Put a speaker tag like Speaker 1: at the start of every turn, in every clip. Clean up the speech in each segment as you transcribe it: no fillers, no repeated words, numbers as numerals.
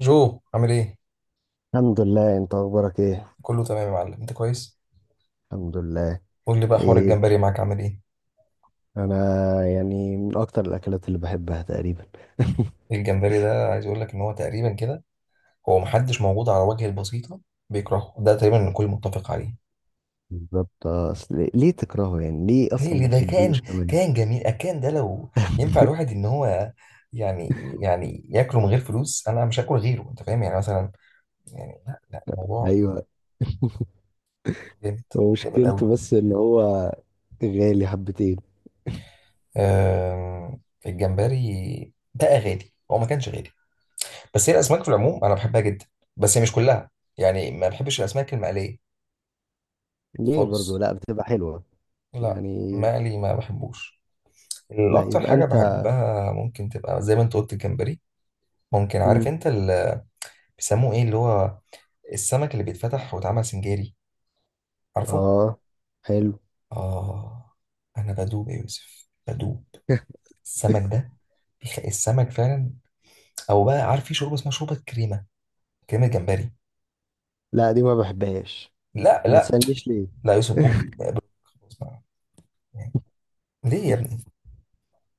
Speaker 1: جو عامل ايه؟
Speaker 2: الحمد لله. انت اخبارك ايه؟
Speaker 1: كله تمام يا معلم، انت كويس؟
Speaker 2: الحمد لله.
Speaker 1: قول لي بقى، حوار
Speaker 2: ايه،
Speaker 1: الجمبري معاك عامل ايه؟
Speaker 2: انا يعني من اكتر الاكلات اللي بحبها تقريبا.
Speaker 1: الجمبري ده، عايز اقول لك ان هو تقريبا كده، هو محدش موجود على وجه البسيطة بيكرهه، ده تقريبا الكل متفق عليه.
Speaker 2: بالظبط، اصل ليه تكرهه؟ يعني ليه
Speaker 1: ليه؟
Speaker 2: اصلا
Speaker 1: ليه؟
Speaker 2: ما
Speaker 1: ده
Speaker 2: تحبوش
Speaker 1: كان،
Speaker 2: كمان؟
Speaker 1: كان جميل، كان ده لو ينفع الواحد ان هو، يعني، يعني ياكله من غير فلوس انا مش هاكل غيره، انت فاهم يعني؟ مثلا يعني لا لا، الموضوع
Speaker 2: ايوه.
Speaker 1: جامد،
Speaker 2: هو
Speaker 1: جامد قوي.
Speaker 2: مشكلته بس ان هو غالي حبتين.
Speaker 1: أم، الجمبري بقى غالي، هو ما كانش غالي؟ بس هي الاسماك في العموم انا بحبها جدا، بس هي مش كلها. يعني ما بحبش الاسماك المقليه
Speaker 2: ليه برضو؟
Speaker 1: خالص.
Speaker 2: لا بتبقى حلوه
Speaker 1: لا،
Speaker 2: يعني.
Speaker 1: مقلي ما بحبوش.
Speaker 2: لا
Speaker 1: الاكتر
Speaker 2: يبقى
Speaker 1: حاجه
Speaker 2: انت.
Speaker 1: بحبها ممكن تبقى زي ما انت قلت، الجمبري. ممكن،
Speaker 2: مم.
Speaker 1: عارف انت اللي بيسموه ايه؟ اللي هو السمك اللي بيتفتح واتعمل سنجاري، عارفه؟
Speaker 2: اه، حلو.
Speaker 1: اه، انا بدوب يا يوسف، بدوب. السمك ده، السمك فعلا. او بقى، عارف في شوربه اسمها شوربه كريمه؟ كريمه جمبري.
Speaker 2: لا دي ما بحبهاش،
Speaker 1: لا
Speaker 2: وما
Speaker 1: لا،
Speaker 2: تسألنيش ليه.
Speaker 1: لا يا يوسف بوك. خلاص بقى. يعني، ليه يا ابني؟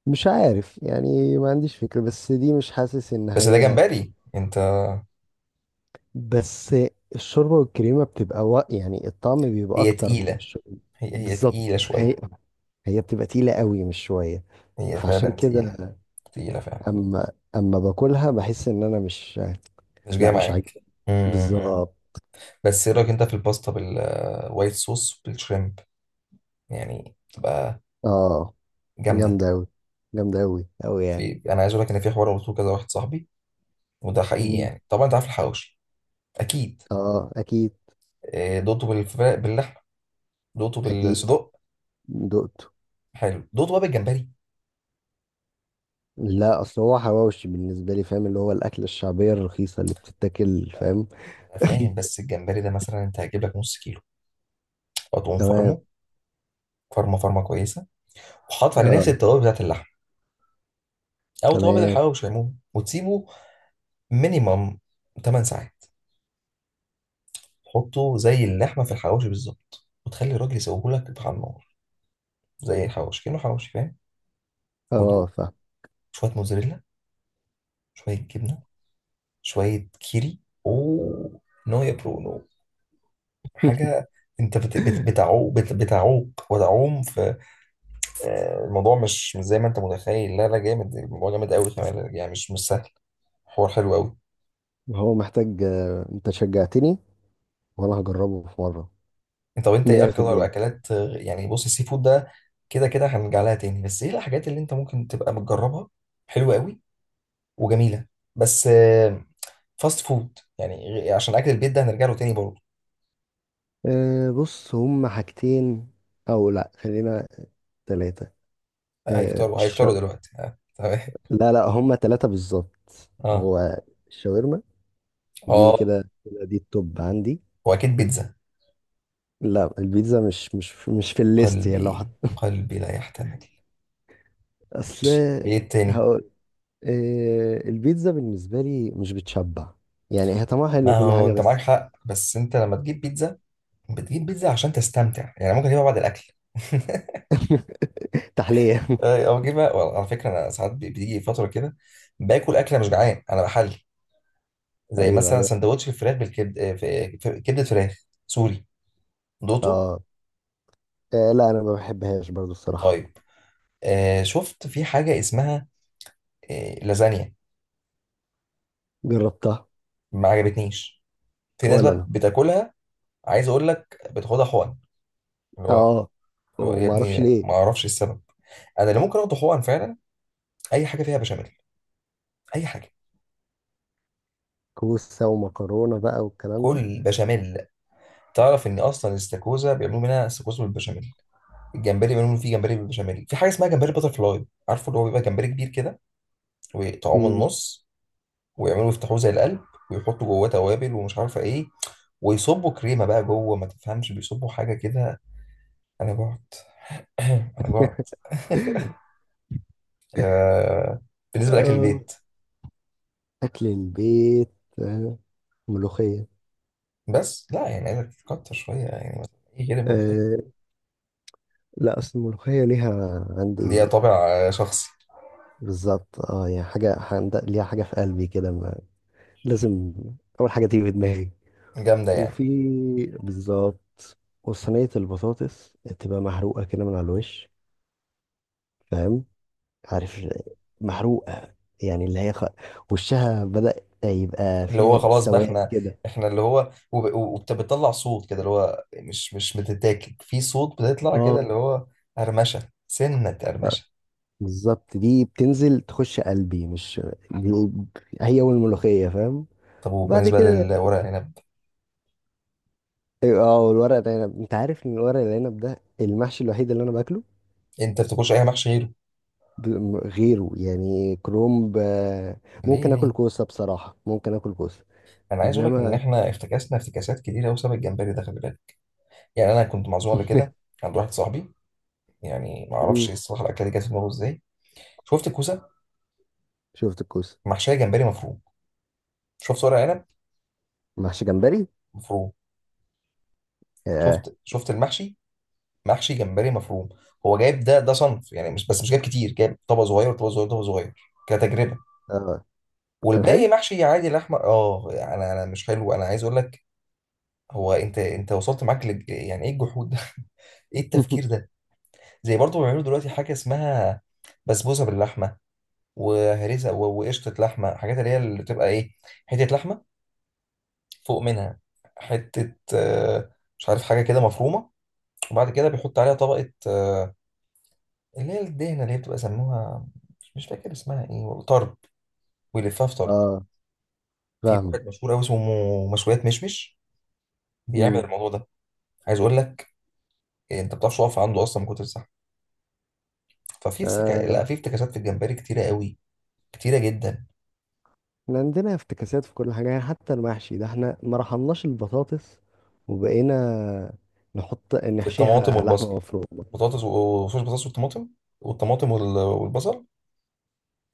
Speaker 2: مش عارف يعني، ما عنديش فكرة، بس دي مش حاسس ان
Speaker 1: بس ده
Speaker 2: هي.
Speaker 1: جمبري انت.
Speaker 2: بس الشوربة والكريمة بتبقى يعني الطعم بيبقى
Speaker 1: هي
Speaker 2: أكتر من
Speaker 1: تقيلة،
Speaker 2: الشوربة.
Speaker 1: هي
Speaker 2: بالظبط.
Speaker 1: تقيلة
Speaker 2: هي
Speaker 1: شوية.
Speaker 2: هي بتبقى تقيلة قوي، مش شوية.
Speaker 1: هي فعلا
Speaker 2: فعشان
Speaker 1: تقيلة،
Speaker 2: كده،
Speaker 1: تقيلة فعلا.
Speaker 2: أما باكلها بحس إن أنا مش.
Speaker 1: مش جاية
Speaker 2: لا مش
Speaker 1: معاك.
Speaker 2: عاجبني.
Speaker 1: م- م- م.
Speaker 2: بالظبط.
Speaker 1: بس ايه رأيك انت في الباستا بالوايت صوص بالشريمب؟ يعني تبقى
Speaker 2: اه
Speaker 1: جامدة.
Speaker 2: جامدة أوي، جامدة أوي أوي يعني.
Speaker 1: في، انا عايز اقول لك ان في حوار قلته كذا واحد صاحبي، وده حقيقي
Speaker 2: مم.
Speaker 1: يعني. طبعا انت عارف الحواوشي اكيد.
Speaker 2: اه أكيد.
Speaker 1: دوقته بالفراخ، باللحمة، دوقته
Speaker 2: أكيد
Speaker 1: بالصدق.
Speaker 2: دقته.
Speaker 1: حلو، دوقته بقى بالجمبري.
Speaker 2: لا، أصل هو حواوشي بالنسبة لي، فاهم؟ اللي هو الأكلة الشعبية الرخيصة اللي بتتاكل، فاهم؟
Speaker 1: انا فاهم، بس الجمبري ده مثلا انت هتجيب لك نص كيلو وتقوم
Speaker 2: تمام.
Speaker 1: فرمه، فرمه فرمه كويسه، وحاطط عليه نفس
Speaker 2: اه
Speaker 1: التوابل بتاعت اللحمه او توابل
Speaker 2: تمام.
Speaker 1: الحواوشي عموما، وتسيبه مينيمم 8 ساعات. تحطه زي اللحمه في الحواوشي بالظبط، وتخلي الراجل يسويه لك على النار زي الحواوشي، كأنه حواوشي، فاهم؟
Speaker 2: اه
Speaker 1: ودوق
Speaker 2: فاهم.
Speaker 1: شويه موزاريلا، شويه جبنه، شويه كيري. اوه، نو يا برونو. حاجه، انت بتعوق، بتعوق وتعوم في، الموضوع مش، مش زي ما انت متخيل، لا لا، جامد الموضوع، جامد قوي كمان يعني، مش، مش سهل. حوار حلو قوي.
Speaker 2: هو محتاج، انت شجعتني وانا هجربه في مرة.
Speaker 1: طب انت ايه اكتر
Speaker 2: 100%.
Speaker 1: اكلات يعني؟ بص، السي فود ده كده كده هنرجع لها تاني، بس ايه الحاجات اللي انت ممكن تبقى بتجربها حلوه قوي وجميله؟ بس فاست فود يعني، عشان اكل البيت ده هنرجع له تاني برضه.
Speaker 2: بص هم حاجتين، او لا خلينا ثلاثة. أه
Speaker 1: هيكتروا
Speaker 2: الش...
Speaker 1: هيكتروا دلوقتي، تمام.
Speaker 2: لا لا، هم ثلاثة بالظبط.
Speaker 1: اه،
Speaker 2: هو الشاورما، دي
Speaker 1: اه،
Speaker 2: كده كده دي التوب عندي.
Speaker 1: واكيد بيتزا.
Speaker 2: لا، البيتزا مش في الليست. يعني لو حط،
Speaker 1: قلبي، قلبي لا يحتمل.
Speaker 2: اصل
Speaker 1: ماشي، ايه التاني؟
Speaker 2: هقول، أه البيتزا بالنسبة لي مش بتشبع. يعني هي طعمها حلو
Speaker 1: ما
Speaker 2: كل
Speaker 1: هو
Speaker 2: حاجة،
Speaker 1: انت معاك
Speaker 2: بس.
Speaker 1: حق، بس انت لما تجيب بيتزا، بتجيب بيتزا عشان تستمتع يعني، ممكن تجيبها بعد الاكل.
Speaker 2: تحلية.
Speaker 1: او جيب، على فكره انا ساعات، بتيجي فتره كده باكل اكله مش جعان، انا بحل زي
Speaker 2: ايوه
Speaker 1: مثلا
Speaker 2: ايوه.
Speaker 1: سندوتش الفراخ بالكبد، كبده فراخ. سوري، دوتو.
Speaker 2: اه لا انا ما بحبهاش برضو الصراحة.
Speaker 1: طيب، آه شفت في حاجه اسمها آه لازانيا؟
Speaker 2: جربتها،
Speaker 1: ما عجبتنيش. في ناس
Speaker 2: ولا
Speaker 1: بقى
Speaker 2: انا.
Speaker 1: بتاكلها، عايز اقول لك بتاخدها حقن. اللي هو،
Speaker 2: اه
Speaker 1: اللي هو يا
Speaker 2: وما اعرفش
Speaker 1: ابني
Speaker 2: ليه.
Speaker 1: ما اعرفش السبب. انا اللي ممكن اخده حقن فعلا اي حاجه فيها بشاميل، اي حاجه.
Speaker 2: كوسه ومكرونه بقى والكلام ده.
Speaker 1: كل بشاميل. تعرف ان اصلا الاستاكوزا بيعملوا منها استاكوزا بالبشاميل، الجمبري منهم في جمبري بالبشاميل، في حاجه اسمها جمبري باتر فلاي، عارفه؟ اللي هو بيبقى جمبري كبير كده ويقطعوه من
Speaker 2: مم.
Speaker 1: النص، ويعملوا يفتحوه زي القلب، ويحطوا جواه توابل ومش عارفه ايه، ويصبوا كريمه بقى جوه، ما تفهمش، بيصبوا حاجه كده. انا جعت. انا جعت. آه، بالنسبه لاكل
Speaker 2: آه.
Speaker 1: البيت،
Speaker 2: اكل البيت. آه. ملوخيه.
Speaker 1: بس لا يعني عايزك تكتر شويه يعني، مثلا ايه كده؟ ملوخيه،
Speaker 2: آه. لا اصل الملوخيه ليها
Speaker 1: دي
Speaker 2: عندي.
Speaker 1: طابع شخصي،
Speaker 2: بالظبط، اه يعني حاجه ليها حاجه في قلبي كده. لازم اول حاجه تيجي في دماغي.
Speaker 1: جامده يعني.
Speaker 2: وفي، بالظبط، وصينيه البطاطس تبقى محروقه كده من على الوش، فاهم؟ عارف؟ محروقة يعني، اللي هي وشها بدأ يبقى
Speaker 1: اللي هو
Speaker 2: فيها
Speaker 1: خلاص بقى،
Speaker 2: سواد
Speaker 1: احنا،
Speaker 2: كده.
Speaker 1: احنا اللي هو، وبتطلع صوت كده، اللي هو مش، مش بتتاكل في صوت، بتطلع كده
Speaker 2: اه
Speaker 1: اللي هو قرمشه، سنه قرمشه.
Speaker 2: بالظبط، دي بتنزل تخش قلبي، مش دي، هي والملوخية، فاهم؟
Speaker 1: طب
Speaker 2: وبعد
Speaker 1: وبالنسبه
Speaker 2: كده،
Speaker 1: للورق العنب،
Speaker 2: أيوة، اه والورق العنب، انت عارف ان الورق العنب ده المحشي الوحيد اللي انا باكله.
Speaker 1: انت بتاكلش اي محشي غيره؟
Speaker 2: غيره يعني كرومب،
Speaker 1: ليه؟
Speaker 2: ممكن اكل
Speaker 1: ليه؟
Speaker 2: كوسة بصراحة، ممكن اكل كوسة.
Speaker 1: انا عايز اقول لك ان
Speaker 2: انما.
Speaker 1: احنا افتكاسنا افتكاسات كتيره بسبب الجمبري ده، خلي بالك. يعني انا كنت معزوم قبل كده عند واحد صاحبي، يعني ما اعرفش
Speaker 2: مم،
Speaker 1: الصراحه الاكله دي جت في دماغه ازاي. شفت الكوسه؟
Speaker 2: شفت الكوسة.
Speaker 1: محشيه جمبري مفروم. شفت ورق عنب؟
Speaker 2: محشي جمبري.
Speaker 1: مفروم.
Speaker 2: اه
Speaker 1: شفت، شفت المحشي؟ محشي جمبري مفروم. هو جايب ده، صنف يعني، مش بس، مش جايب كتير، جايب طبق صغير، طبق صغير، طبق صغير كتجربه،
Speaker 2: آه، كان
Speaker 1: والباقي
Speaker 2: حلو.
Speaker 1: محشي عادي لحمه. اه انا مش حلو، انا عايز اقول لك، هو انت، انت وصلت معاك يعني ايه الجحود ده؟ ايه التفكير ده؟ زي برضه بيعملوا دلوقتي حاجه اسمها بسبوسه باللحمه، وهريسه وقشطه لحمه، حاجات اللي هي اللي بتبقى ايه، حته لحمه فوق منها، حته مش عارف، حاجه كده مفرومه، وبعد كده بيحط عليها طبقه اللي هي الدهنة، اللي هي بتبقى سموها، مش، مش فاكر اسمها ايه والله، طرب. ويلفها في طرب.
Speaker 2: اه
Speaker 1: في
Speaker 2: فاهمك.
Speaker 1: واحد مشهور قوي اسمه مشويات مشمش، بيعمل
Speaker 2: مم.
Speaker 1: الموضوع ده. عايز اقول لك انت ما بتعرفش تقف عنده اصلا من كتر الزحمه. ففي افتكا... لا
Speaker 2: آه،
Speaker 1: في افتكاسات في الجمبري كتيره قوي، كتيره جدا.
Speaker 2: احنا عندنا افتكاسات في كل حاجة، يعني حتى المحشي ده احنا ما رحمناش البطاطس، وبقينا نحط
Speaker 1: في الطماطم
Speaker 2: نحشيها
Speaker 1: والبصل،
Speaker 2: لحمة مفرومة.
Speaker 1: بطاطس وصوص، بطاطس والطماطم، والطماطم وال- والبصل،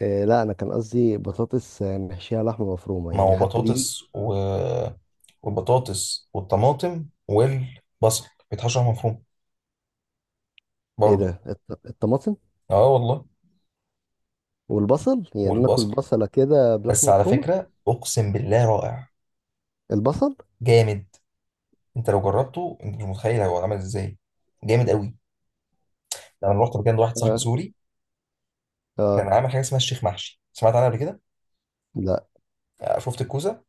Speaker 2: لا انا كان قصدي بطاطس، نحشيها لحمة مفرومة
Speaker 1: ما
Speaker 2: يعني،
Speaker 1: هو
Speaker 2: حتى دي.
Speaker 1: بطاطس و... والبطاطس والطماطم والبصل بيتحشر مفروم
Speaker 2: ايه
Speaker 1: برضه.
Speaker 2: ده، الطماطم
Speaker 1: اه والله.
Speaker 2: والبصل؟ يعني ناكل
Speaker 1: والبصل
Speaker 2: بصلة كده
Speaker 1: بس،
Speaker 2: بلحمة
Speaker 1: على
Speaker 2: مفرومة؟
Speaker 1: فكرة أقسم بالله رائع،
Speaker 2: البصل.
Speaker 1: جامد. أنت لو جربته أنت مش متخيل هو عمل إزاي، جامد قوي. أنا رحت مكان واحد صاحبي
Speaker 2: اه
Speaker 1: سوري، كان
Speaker 2: اه،
Speaker 1: عامل حاجة اسمها الشيخ محشي، سمعت عنها قبل كده؟
Speaker 2: لا
Speaker 1: شفت الكوسة؟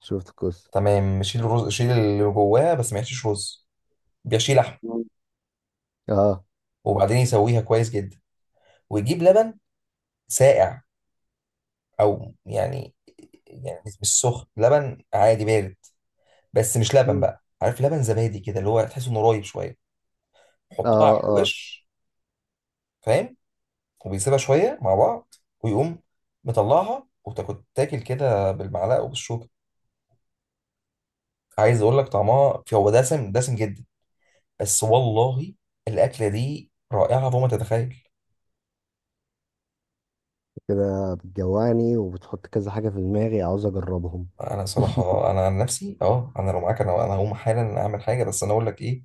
Speaker 2: شفت كويس.
Speaker 1: تمام، شيل الرز، شيل اللي جواها، بس ما يحشيش رز، بيحشي لحم.
Speaker 2: مم. اه.
Speaker 1: وبعدين يسويها كويس جدا، ويجيب لبن ساقع، أو يعني، يعني مش، مش سخن، لبن عادي بارد. بس مش لبن
Speaker 2: مم.
Speaker 1: بقى، عارف لبن زبادي كده، اللي هو تحس إنه رايب شوية؟ حطها
Speaker 2: اه
Speaker 1: على
Speaker 2: اه.
Speaker 1: الوش، فاهم؟ وبيسيبها شوية مع بعض، ويقوم مطلعها، وتاكل تاكل كده بالمعلقة وبالشوكة. عايز أقول لك، طعمها في، هو دسم، دسم جدا، بس والله الأكلة دي رائعة فوق ما تتخيل.
Speaker 2: كده بتجوعني وبتحط كذا حاجة في دماغي عاوز اجربهم.
Speaker 1: أنا صراحة أنا عن نفسي أه، أنا لو معاك أنا هقوم حالا أعمل حاجة. بس أنا أقول لك إيه،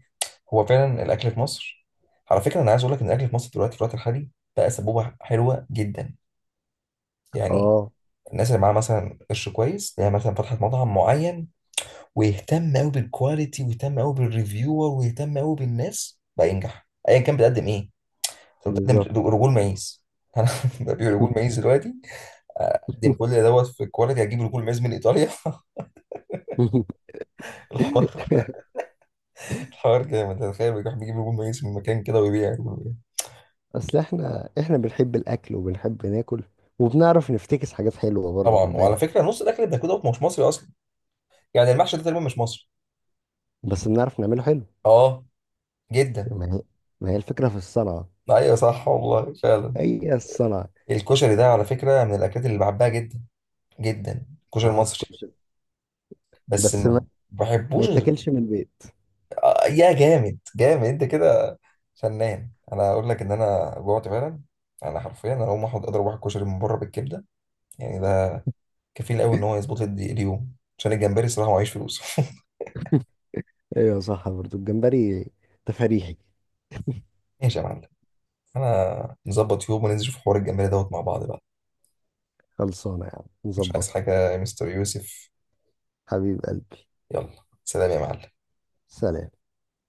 Speaker 1: هو فعلا الأكل في مصر، على فكرة أنا عايز أقول لك إن الأكل في مصر دلوقتي، في الوقت الحالي، بقى سبوبة حلوة جدا، يعني.
Speaker 2: اه
Speaker 1: الناس اللي معاها مثلا قرش كويس، اللي هي مثلا فتحت مطعم معين ويهتم قوي بالكواليتي، ويهتم قوي بالريفيور، ويهتم قوي بالناس، بقى ينجح ايا كان بتقدم ايه. انت
Speaker 2: بالظبط.
Speaker 1: بتقدم رجول مايز. انا ببيع رجول مايز دلوقتي، اقدم كل دوت في الكواليتي، هجيب رجول مايز من ايطاليا. الحوار، الحوار جامد. تخيل بيروح بيجيب رجول مايز من مكان كده ويبيع رجول مايز.
Speaker 2: اصل احنا بنحب الاكل وبنحب ناكل، وبنعرف نفتكس حاجات حلوه برضه،
Speaker 1: طبعا،
Speaker 2: خد
Speaker 1: وعلى
Speaker 2: بالك.
Speaker 1: فكره نص الاكل اللي بناكله ده مش مصري اصلا، يعني المحشي ده تقريبا مش مصري.
Speaker 2: بس بنعرف نعمله حلو.
Speaker 1: اه، جدا.
Speaker 2: ما هي ما هي الفكره في الصنعه.
Speaker 1: ايوه صح والله فعلا.
Speaker 2: هي الصنعه.
Speaker 1: الكشري ده على فكره من الاكلات اللي بحبها جدا، جدا، الكشري
Speaker 2: اه
Speaker 1: المصري.
Speaker 2: كشري.
Speaker 1: بس
Speaker 2: بس ما,
Speaker 1: ما
Speaker 2: ما
Speaker 1: بحبوش غير،
Speaker 2: يتاكلش من البيت.
Speaker 1: يا جامد، جامد انت كده، فنان. انا اقول لك ان انا جوعت فعلا، انا حرفيا انا هقوم احط، اضرب واحد كشري من بره بالكبده. يعني ده كفيل قوي ان هو يظبط لي اليوم، عشان الجمبري صراحه معيش فلوس.
Speaker 2: ايوه صح، برضه الجمبري تفريحي.
Speaker 1: ماشي يا معلم، انا نظبط يوم وننزل في حوار الجمبري دوت مع بعض بقى.
Speaker 2: خلصانه يا عم،
Speaker 1: مش عايز
Speaker 2: نظبطها.
Speaker 1: حاجه يا مستر يوسف.
Speaker 2: حبيب قلبي.
Speaker 1: يلا، سلام يا معلم.
Speaker 2: سلام.